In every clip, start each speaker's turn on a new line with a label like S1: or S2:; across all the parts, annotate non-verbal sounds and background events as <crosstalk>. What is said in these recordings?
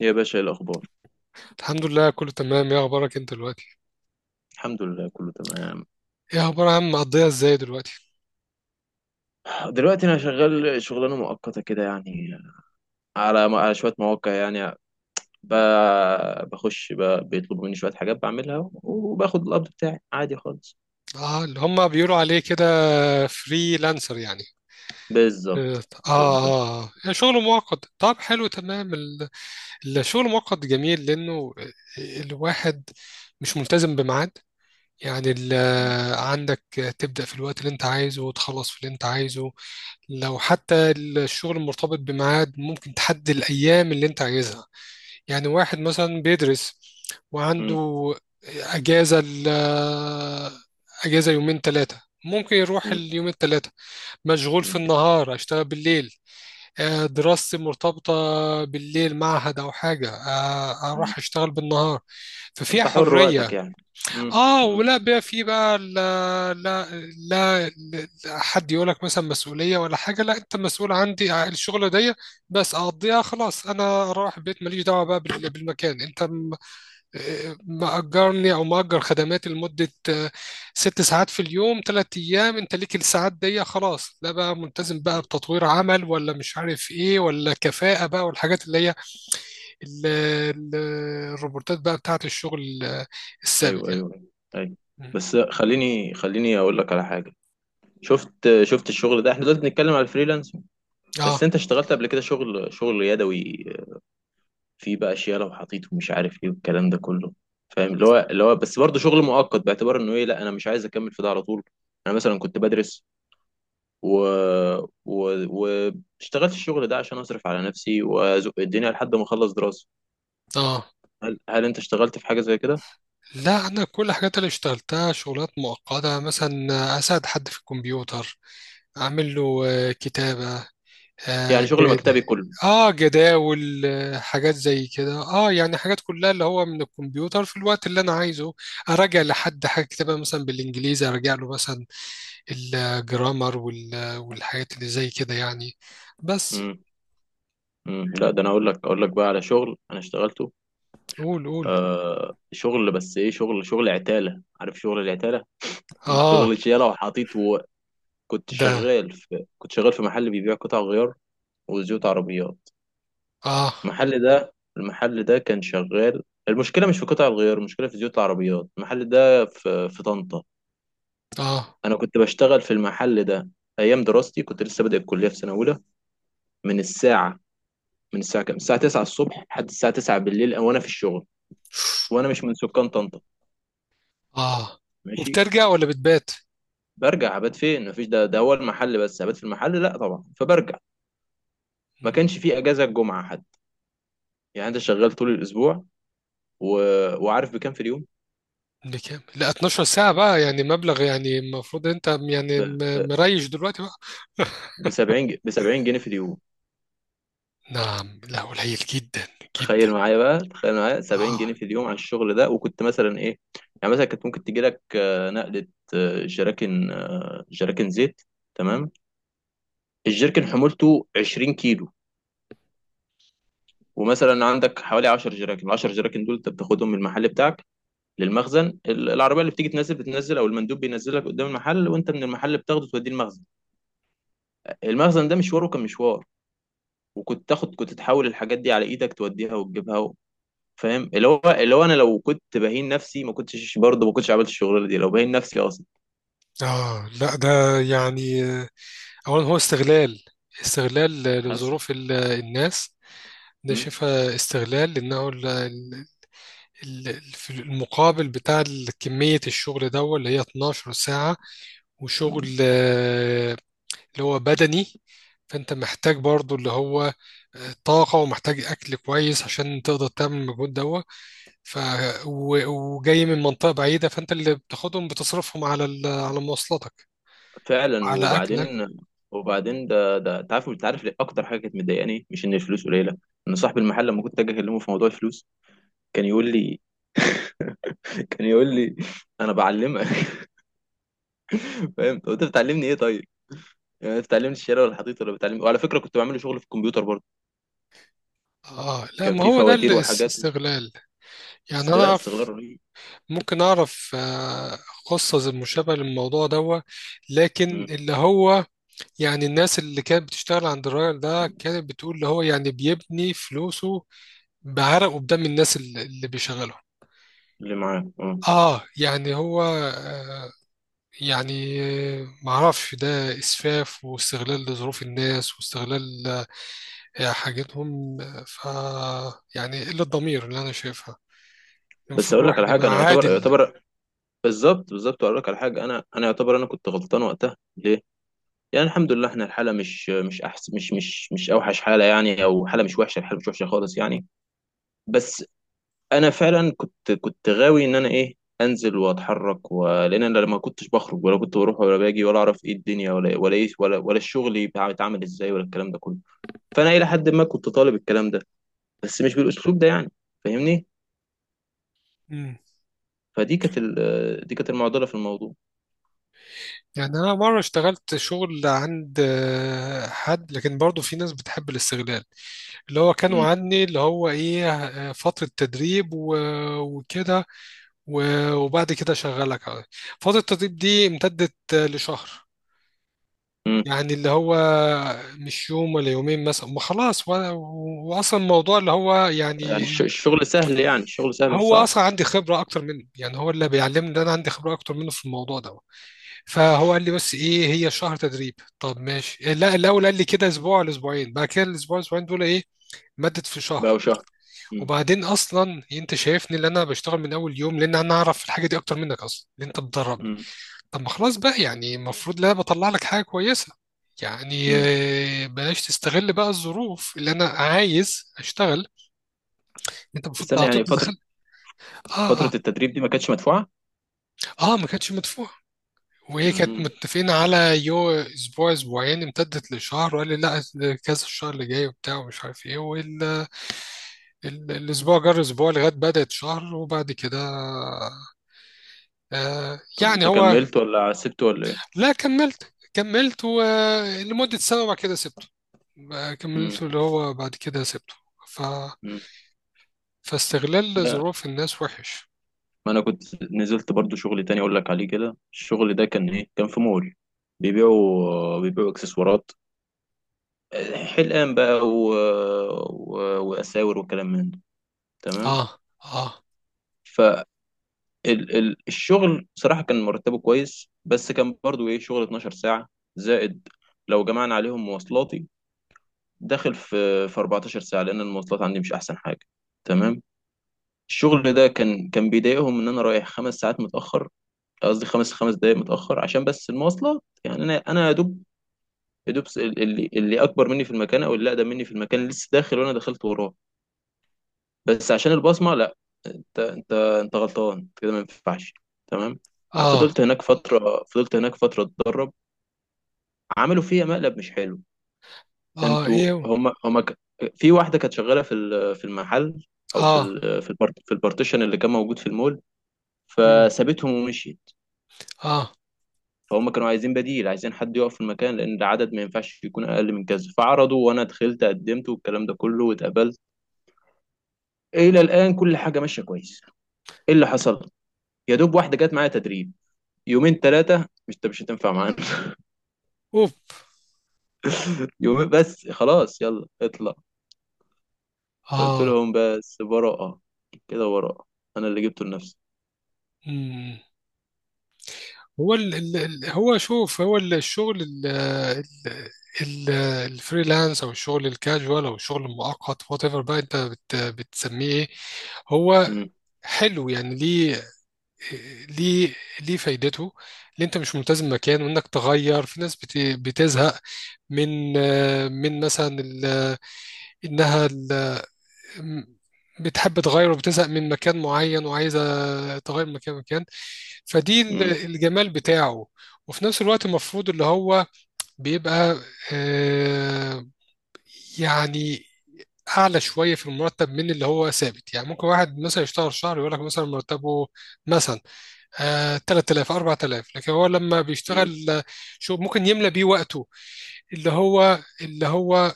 S1: يا باشا، إيه الأخبار؟
S2: الحمد لله، كله تمام. ايه اخبارك انت دلوقتي؟
S1: الحمد لله كله تمام.
S2: ايه اخبار يا عم، مقضيها ازاي دلوقتي؟
S1: دلوقتي أنا شغال شغلانة مؤقتة كده يعني على شوية مواقع، يعني ب... بخش ب... بيطلبوا مني شوية حاجات بعملها وباخد القبض بتاعي عادي خالص.
S2: اه، اللي هم بيقولوا عليه كده، فريلانسر يعني. اه،
S1: بالظبط بالظبط.
S2: اه، آه. يعني شغل مؤقت، طب حلو تمام. الشغل المؤقت جميل لانه الواحد مش ملتزم بميعاد. يعني ال-
S1: م-
S2: عندك تبدأ في الوقت اللي انت عايزه، وتخلص في اللي انت عايزه. لو حتى الشغل مرتبط بميعاد ممكن تحدد الأيام اللي انت عايزها. يعني واحد مثلا بيدرس
S1: م-
S2: وعنده أجازة ال أجازة يومين ثلاثة، ممكن يروح
S1: م-
S2: اليومين الثلاثة. مشغول في
S1: م-
S2: النهار أشتغل بالليل. دراستي مرتبطة بالليل، معهد أو حاجة.
S1: م.
S2: أروح أشتغل بالنهار. ففيها
S1: أنت حر وقتك
S2: حرية.
S1: يعني. م-
S2: آه،
S1: م-
S2: ولا بقى، في بقى، لا لا، لا لا، حد يقولك مثلا مسؤولية ولا حاجة. لا، أنت مسؤول عندي الشغلة دي، بس أقضيها خلاص أنا أروح البيت، ماليش دعوة بقى بالمكان. أنت مأجرني أو مأجر خدماتي لمدة ست ساعات في اليوم، تلات أيام. أنت ليك الساعات دي خلاص، لا بقى ملتزم بقى
S1: م.
S2: بتطوير عمل، ولا مش عارف إيه، ولا كفاءة بقى، والحاجات اللي هي ال- ال- الروبورتات بقى بتاعة الشغل، الثابت
S1: أيوه
S2: يعني.
S1: أيوه أيوه.
S2: م.
S1: بس خليني أقول لك على حاجة. شفت الشغل ده، احنا دلوقتي بنتكلم على الفريلانس،
S2: آه،
S1: بس انت اشتغلت قبل كده شغل يدوي، في بقى اشياء لو حطيته مش عارف ايه والكلام ده كله، فاهم اللي هو بس برضه شغل مؤقت باعتبار انه ايه، لا انا مش عايز اكمل في ده على طول. انا مثلا كنت بدرس و و واشتغلت الشغل ده عشان اصرف على نفسي وازق الدنيا لحد ما اخلص دراسه.
S2: آه،
S1: هل انت اشتغلت في حاجه زي كده؟
S2: لا أنا كل الحاجات اللي اشتغلتها شغلات مؤقتة. مثلا أساعد حد في الكمبيوتر، أعمل له كتابة، آه
S1: يعني شغل
S2: جد
S1: مكتبي كله.
S2: اه جداول، حاجات زي كده. اه، يعني حاجات كلها اللي هو من الكمبيوتر في الوقت اللي انا عايزه. اراجع لحد حاجه كتابها مثلا بالانجليزي، اراجع له مثلا الجرامر والحاجات اللي زي كده يعني. بس.
S1: امم لا ده انا اقول لك بقى على شغل انا اشتغلته.
S2: قول قول.
S1: آه شغل، بس ايه؟ شغل عتاله، عارف شغل العتاله؟ <laughs>
S2: اه،
S1: شغل شيله وحاطيت.
S2: ده،
S1: كنت شغال في محل بيبيع قطع غيار وزيوت عربيات.
S2: اه،
S1: المحل ده كان شغال. المشكلة مش في قطع الغيار، المشكلة في زيوت العربيات. المحل ده في طنطا.
S2: اه،
S1: أنا كنت بشتغل في المحل ده أيام دراستي، كنت لسه بادئ الكلية في سنة أولى. من الساعة من الساعة كام؟ الساعة 9 الصبح لحد الساعة 9 بالليل وأنا في الشغل، وأنا مش من سكان طنطا.
S2: اه.
S1: ماشي.
S2: وبترجع ولا بتبات؟
S1: برجع أبات فين؟ مفيش، ده هو المحل، بس أبات في المحل لا طبعا، فبرجع. ما
S2: مم.
S1: كانش فيه أجازة الجمعة حتى، يعني أنت شغال طول الأسبوع و... وعارف بكام في اليوم؟
S2: بكام؟ لا، 12 ساعة بقى يعني، مبلغ يعني، المفروض انت
S1: ب...
S2: يعني
S1: ب...
S2: مريش دلوقتي بقى. <laughs>
S1: ب 70 ب 70 جنيه في اليوم.
S2: نعم؟ لا، قليل جدا. جدا.
S1: تخيل معايا بقى، تخيل معايا 70
S2: اه،
S1: جنيه في اليوم على الشغل ده. وكنت مثلا ايه، يعني مثلا كانت ممكن تجي لك نقلة، جراكن، جراكن زيت. تمام. الجركن حمولته 20 كيلو، ومثلا عندك حوالي 10 جراكن. ال 10 جراكن دول انت بتاخدهم من المحل بتاعك للمخزن. العربيه اللي بتيجي تنزل بتنزل او المندوب بينزلك قدام المحل، وانت من المحل بتاخده توديه المخزن. المخزن ده مشواره كان مشوار، وكنت تاخد كنت تحول الحاجات دي على ايدك توديها وتجيبها. فاهم اللي هو انا لو كنت بهين نفسي ما كنتش برضه، ما كنتش عملت الشغلانه دي لو بهين نفسي اصلا.
S2: اه، لا ده، يعني اولا هو استغلال، استغلال
S1: حصل.
S2: الناس. ده
S1: مم.
S2: شايفها استغلال لانه في المقابل بتاع كمية الشغل ده، اللي هي 12 ساعة.
S1: مم.
S2: وشغل اللي هو بدني. فانت محتاج برضو اللي هو طاقة، ومحتاج أكل كويس عشان تقدر تعمل المجهود ده. ف... و- وجاي من منطقة بعيدة، فأنت اللي بتاخدهم بتصرفهم على مواصلاتك،
S1: فعلا.
S2: على أكلك.
S1: وبعدين ده انت عارف ليه اكتر حاجه كانت مضايقاني مش ان الفلوس قليله؟ ان صاحب المحل لما كنت اجي اكلمه في موضوع الفلوس كان يقول لي، <laughs> كان يقول لي انا بعلمك. <laughs> فاهم؟ طب انت بتعلمني ايه طيب؟ يعني انت بتعلمني الشارع ولا الحضيض ولا بتعلمني؟ وعلى فكره كنت بعمل له شغل في الكمبيوتر برضه،
S2: اه، لا
S1: كان
S2: ما
S1: في
S2: هو ده
S1: فواتير وحاجات.
S2: الاستغلال. يعني انا
S1: لا استغلال
S2: اعرف،
S1: رهيب.
S2: ممكن اعرف قصة زي مشابهة للموضوع ده، لكن
S1: مم.
S2: اللي هو يعني الناس اللي كانت بتشتغل عند الراجل ده، كانت بتقول اللي هو يعني بيبني فلوسه بعرق وبدم الناس اللي بيشغله.
S1: اللي معاه اه.
S2: اه، يعني هو، آه، يعني معرفش، ده اسفاف واستغلال لظروف الناس، واستغلال حاجتهم. آه، ف يعني قلة ضمير اللي انا شايفها.
S1: بس
S2: المفروض
S1: اقول لك على
S2: الواحد يبقى
S1: حاجه، انا يعتبر
S2: عادل.
S1: يعتبر بالظبط بالظبط. اقول لك على حاجه، انا يعتبر انا كنت غلطان وقتها. ليه؟ يعني الحمد لله احنا الحاله مش احس، مش اوحش حاله يعني، او حاله مش وحشه، الحاله مش وحشه خالص يعني. بس انا فعلا كنت غاوي ان انا ايه، انزل واتحرك لان انا لما كنتش بخرج ولا كنت بروح ولا باجي ولا اعرف ايه الدنيا ولا ايه ولا الشغل يبقى بيتعمل ازاي ولا الكلام ده كله. فانا الى حد ما كنت طالب الكلام ده، بس مش بالاسلوب ده يعني، فاهمني.
S2: مم.
S1: فدي كانت ال... دي كانت المعضله في الموضوع.
S2: يعني أنا مرة اشتغلت شغل عند حد، لكن برضو في ناس بتحب الاستغلال. اللي هو كانوا عني اللي هو إيه، فترة تدريب وكده، وبعد كده شغلك. فترة التدريب دي امتدت لشهر. يعني اللي هو مش يوم ولا يومين، مثلا ما خلاص وأصلا الموضوع اللي هو يعني،
S1: يعني الشغل سهل، يعني الشغل سهل مش
S2: هو
S1: صعب.
S2: أصلا عندي خبرة أكتر منه. يعني هو اللي بيعلمني إن أنا عندي خبرة أكتر منه في الموضوع ده. فهو قال لي بس ايه، هي شهر تدريب. طب ماشي. لا، الاول قال لي كده اسبوع لاسبوعين، بعد كده الاسبوع الاسبوعين دول ايه، مدد في شهر.
S1: بقى شهر. مم.
S2: وبعدين اصلا انت شايفني اللي انا بشتغل من اول يوم، لان انا اعرف الحاجه دي اكتر منك اصلا، اللي انت بتدربني.
S1: مم.
S2: طب ما خلاص بقى يعني، المفروض لا بطلع لك حاجه كويسه. يعني
S1: مم.
S2: بلاش تستغل بقى الظروف اللي انا عايز اشتغل. انت المفروض
S1: استنى،
S2: على طول
S1: يعني فترة،
S2: دخلت. اه،
S1: فترة
S2: اه،
S1: التدريب دي ما كانتش مدفوعة.
S2: اه، ما كانتش مدفوعه. وهي كانت
S1: مم.
S2: متفقين على اسبوع اسبوعين، امتدت لشهر، وقال لي لا، كذا الشهر اللي جاي وبتاع ومش عارف ايه الاسبوع جر اسبوع لغايه بدات شهر. وبعد كده، آه
S1: طب
S2: يعني
S1: انت
S2: هو،
S1: كملت ولا سبت ولا ايه؟
S2: لا كملت، ولمده سنه وبعد كده سبته. ما
S1: مم.
S2: كملت اللي هو، بعد كده سبته. ف...
S1: مم.
S2: فاستغلال
S1: لا
S2: ظروف الناس وحش.
S1: ما انا كنت نزلت برضو شغل تاني اقول لك عليه كده. الشغل ده كان ايه؟ كان في مول بيبيعوا اكسسوارات، حلقان بقى و... واساور وكلام من ده. تمام.
S2: اه، اه.
S1: ال ال الشغل صراحة كان مرتبه كويس، بس كان برضو ايه، شغل 12 ساعة زائد لو جمعنا عليهم مواصلاتي، داخل في 14 ساعة لأن المواصلات عندي مش أحسن حاجة. تمام. الشغل
S2: مم.
S1: ده كان بيضايقهم إن أنا رايح خمس ساعات متأخر، قصدي خمس دقايق متأخر عشان بس المواصلات. يعني أنا يا دوب، يا دوب اللي أكبر مني في المكان أو اللي أقدم مني في المكان لسه داخل وأنا دخلت وراه. بس عشان البصمه، لا، انت غلطان، انت كده ما ينفعش. تمام.
S2: اه،
S1: فضلت هناك فتره، فضلت هناك فتره اتدرب. عملوا فيها مقلب مش حلو.
S2: اه،
S1: انتوا
S2: ايه،
S1: في واحده كانت شغاله في المحل، او في
S2: اه.
S1: ال... في البارتيشن اللي كان موجود في المول،
S2: مم.
S1: فسابتهم ومشيت.
S2: اه.
S1: فهم كانوا عايزين بديل، عايزين حد يقف في المكان لان العدد ما ينفعش يكون اقل من كذا. فعرضوا وانا دخلت قدمت والكلام ده كله واتقبلت. الى الان كل حاجه ماشيه كويس. ايه اللي حصل؟ يا دوب واحده جت معايا تدريب يومين ثلاثة، مش هتنفع معانا.
S2: اوف.
S1: <laughs> يومين بس، خلاص يلا اطلع. قلت
S2: اه.
S1: لهم بس براءة، كده براءة، أنا اللي جبته لنفسي.
S2: مم. هو هو شوف، هو الشغل ال- الفريلانس او الشغل الكاجوال او الشغل المؤقت، وات ايفر بقى انت بتسميه ايه. هو
S1: مم.
S2: حلو يعني. ليه؟ ليه؟ ليه فايدته؟ اللي انت مش ملتزم مكان، وانك تغير في ناس بتزهق من، من مثلا انها، أم، بتحب تغير وبتزهق من مكان معين، وعايزة تغير من مكان مكان. فدي
S1: مم.
S2: الجمال بتاعه. وفي نفس الوقت المفروض اللي هو بيبقى آه، يعني أعلى شوية في المرتب من اللي هو ثابت. يعني ممكن واحد مثلا يشتغل شهر يقول لك مثلا مرتبه مثلا 3000 4000، لكن هو لما
S1: مم.
S2: بيشتغل شو، ممكن يملى بيه وقته. اللي هو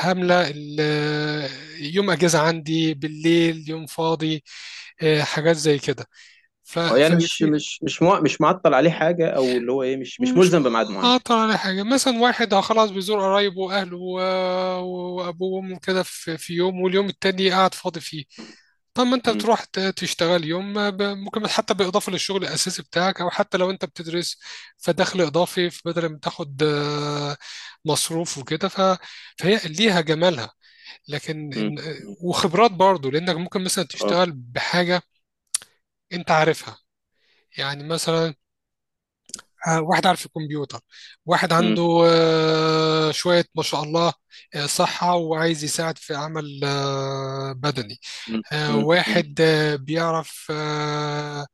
S2: هاملة يوم أجازة عندي، بالليل يوم فاضي، حاجات زي كده. ف-
S1: اه يعني مش
S2: ففي
S1: مش مش مع... مش معطل عليه حاجة، أو اللي هو إيه، مش
S2: مش
S1: ملزم بميعاد معين.
S2: مقاطع على حاجة. مثلا واحد خلاص بيزور قرايبه وأهله وأبوه وأمه كده في في يوم، واليوم التاني قاعد فاضي فيه. طب ما أنت
S1: مم.
S2: بتروح تشتغل يوم، ما ممكن حتى بالإضافة للشغل الأساسي بتاعك، أو حتى لو أنت بتدرس، فدخل إضافي بدل ما تاخد مصروف وكده. فهي ليها جمالها، لكن
S1: مم. مم.
S2: وخبرات برضو، لانك ممكن مثلا
S1: اه.
S2: تشتغل بحاجه انت عارفها. يعني مثلا واحد عارف الكمبيوتر، واحد
S1: مم.
S2: عنده شويه ما شاء الله صحه، وعايز يساعد في عمل بدني.
S1: مم. مم. مم.
S2: واحد بيعرف آه،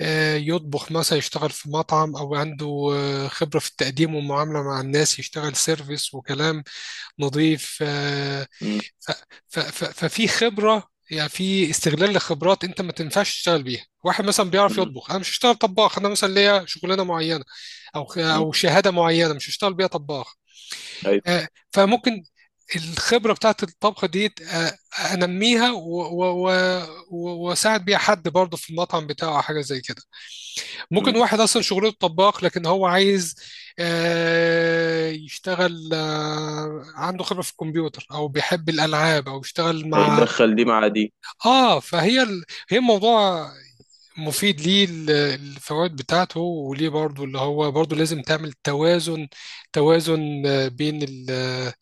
S2: آه، يطبخ، مثلا يشتغل في مطعم، او عنده خبره في التقديم والمعامله مع الناس، يشتغل سيرفيس وكلام نظيف.
S1: مم.
S2: ف- ففي خبرة يعني، في استغلال لخبرات انت ما تنفعش تشتغل بيها. واحد مثلا بيعرف
S1: مم.
S2: يطبخ، انا مش هشتغل طباخ انا، مثلا ليا شغلانة معينة
S1: مم.
S2: او شهادة معينة، مش هشتغل بيها طباخ.
S1: أيوه.
S2: فممكن الخبرة بتاعت الطبخ دي انميها واساعد بيها حد برضه في المطعم بتاعه، أو حاجة زي كده. ممكن
S1: مم.
S2: واحد اصلا شغله طباخ، لكن هو عايز يشتغل، عنده خبرة في الكمبيوتر، او بيحب الالعاب، او يشتغل مع.
S1: هيدخل دي مع دي.
S2: اه. هي الموضوع مفيد، ليه الفوائد بتاعته، وليه برضو اللي هو برضو لازم تعمل توازن. بين ال...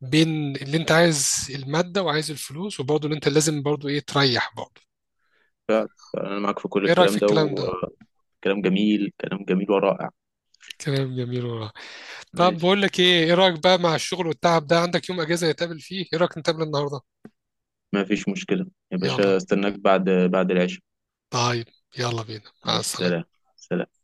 S2: بين اللي انت عايز المادة وعايز الفلوس، وبرضو اللي انت لازم برضو ايه، تريح برضو.
S1: أنا معاك في كل
S2: ايه رأيك في
S1: الكلام ده،
S2: الكلام ده؟
S1: وكلام جميل، كلام جميل ورائع.
S2: كلام جميل والله. طب
S1: ماشي.
S2: بقول لك ايه، ايه رايك بقى مع الشغل والتعب ده؟ عندك يوم اجازه نتقابل فيه؟ ايه رايك نتقابل النهارده؟
S1: ما فيش مشكلة. يا باشا،
S2: يلا.
S1: استناك بعد العشاء.
S2: طيب. يلا بينا،
S1: عليه
S2: مع
S1: السلام.
S2: السلامه.
S1: سلام.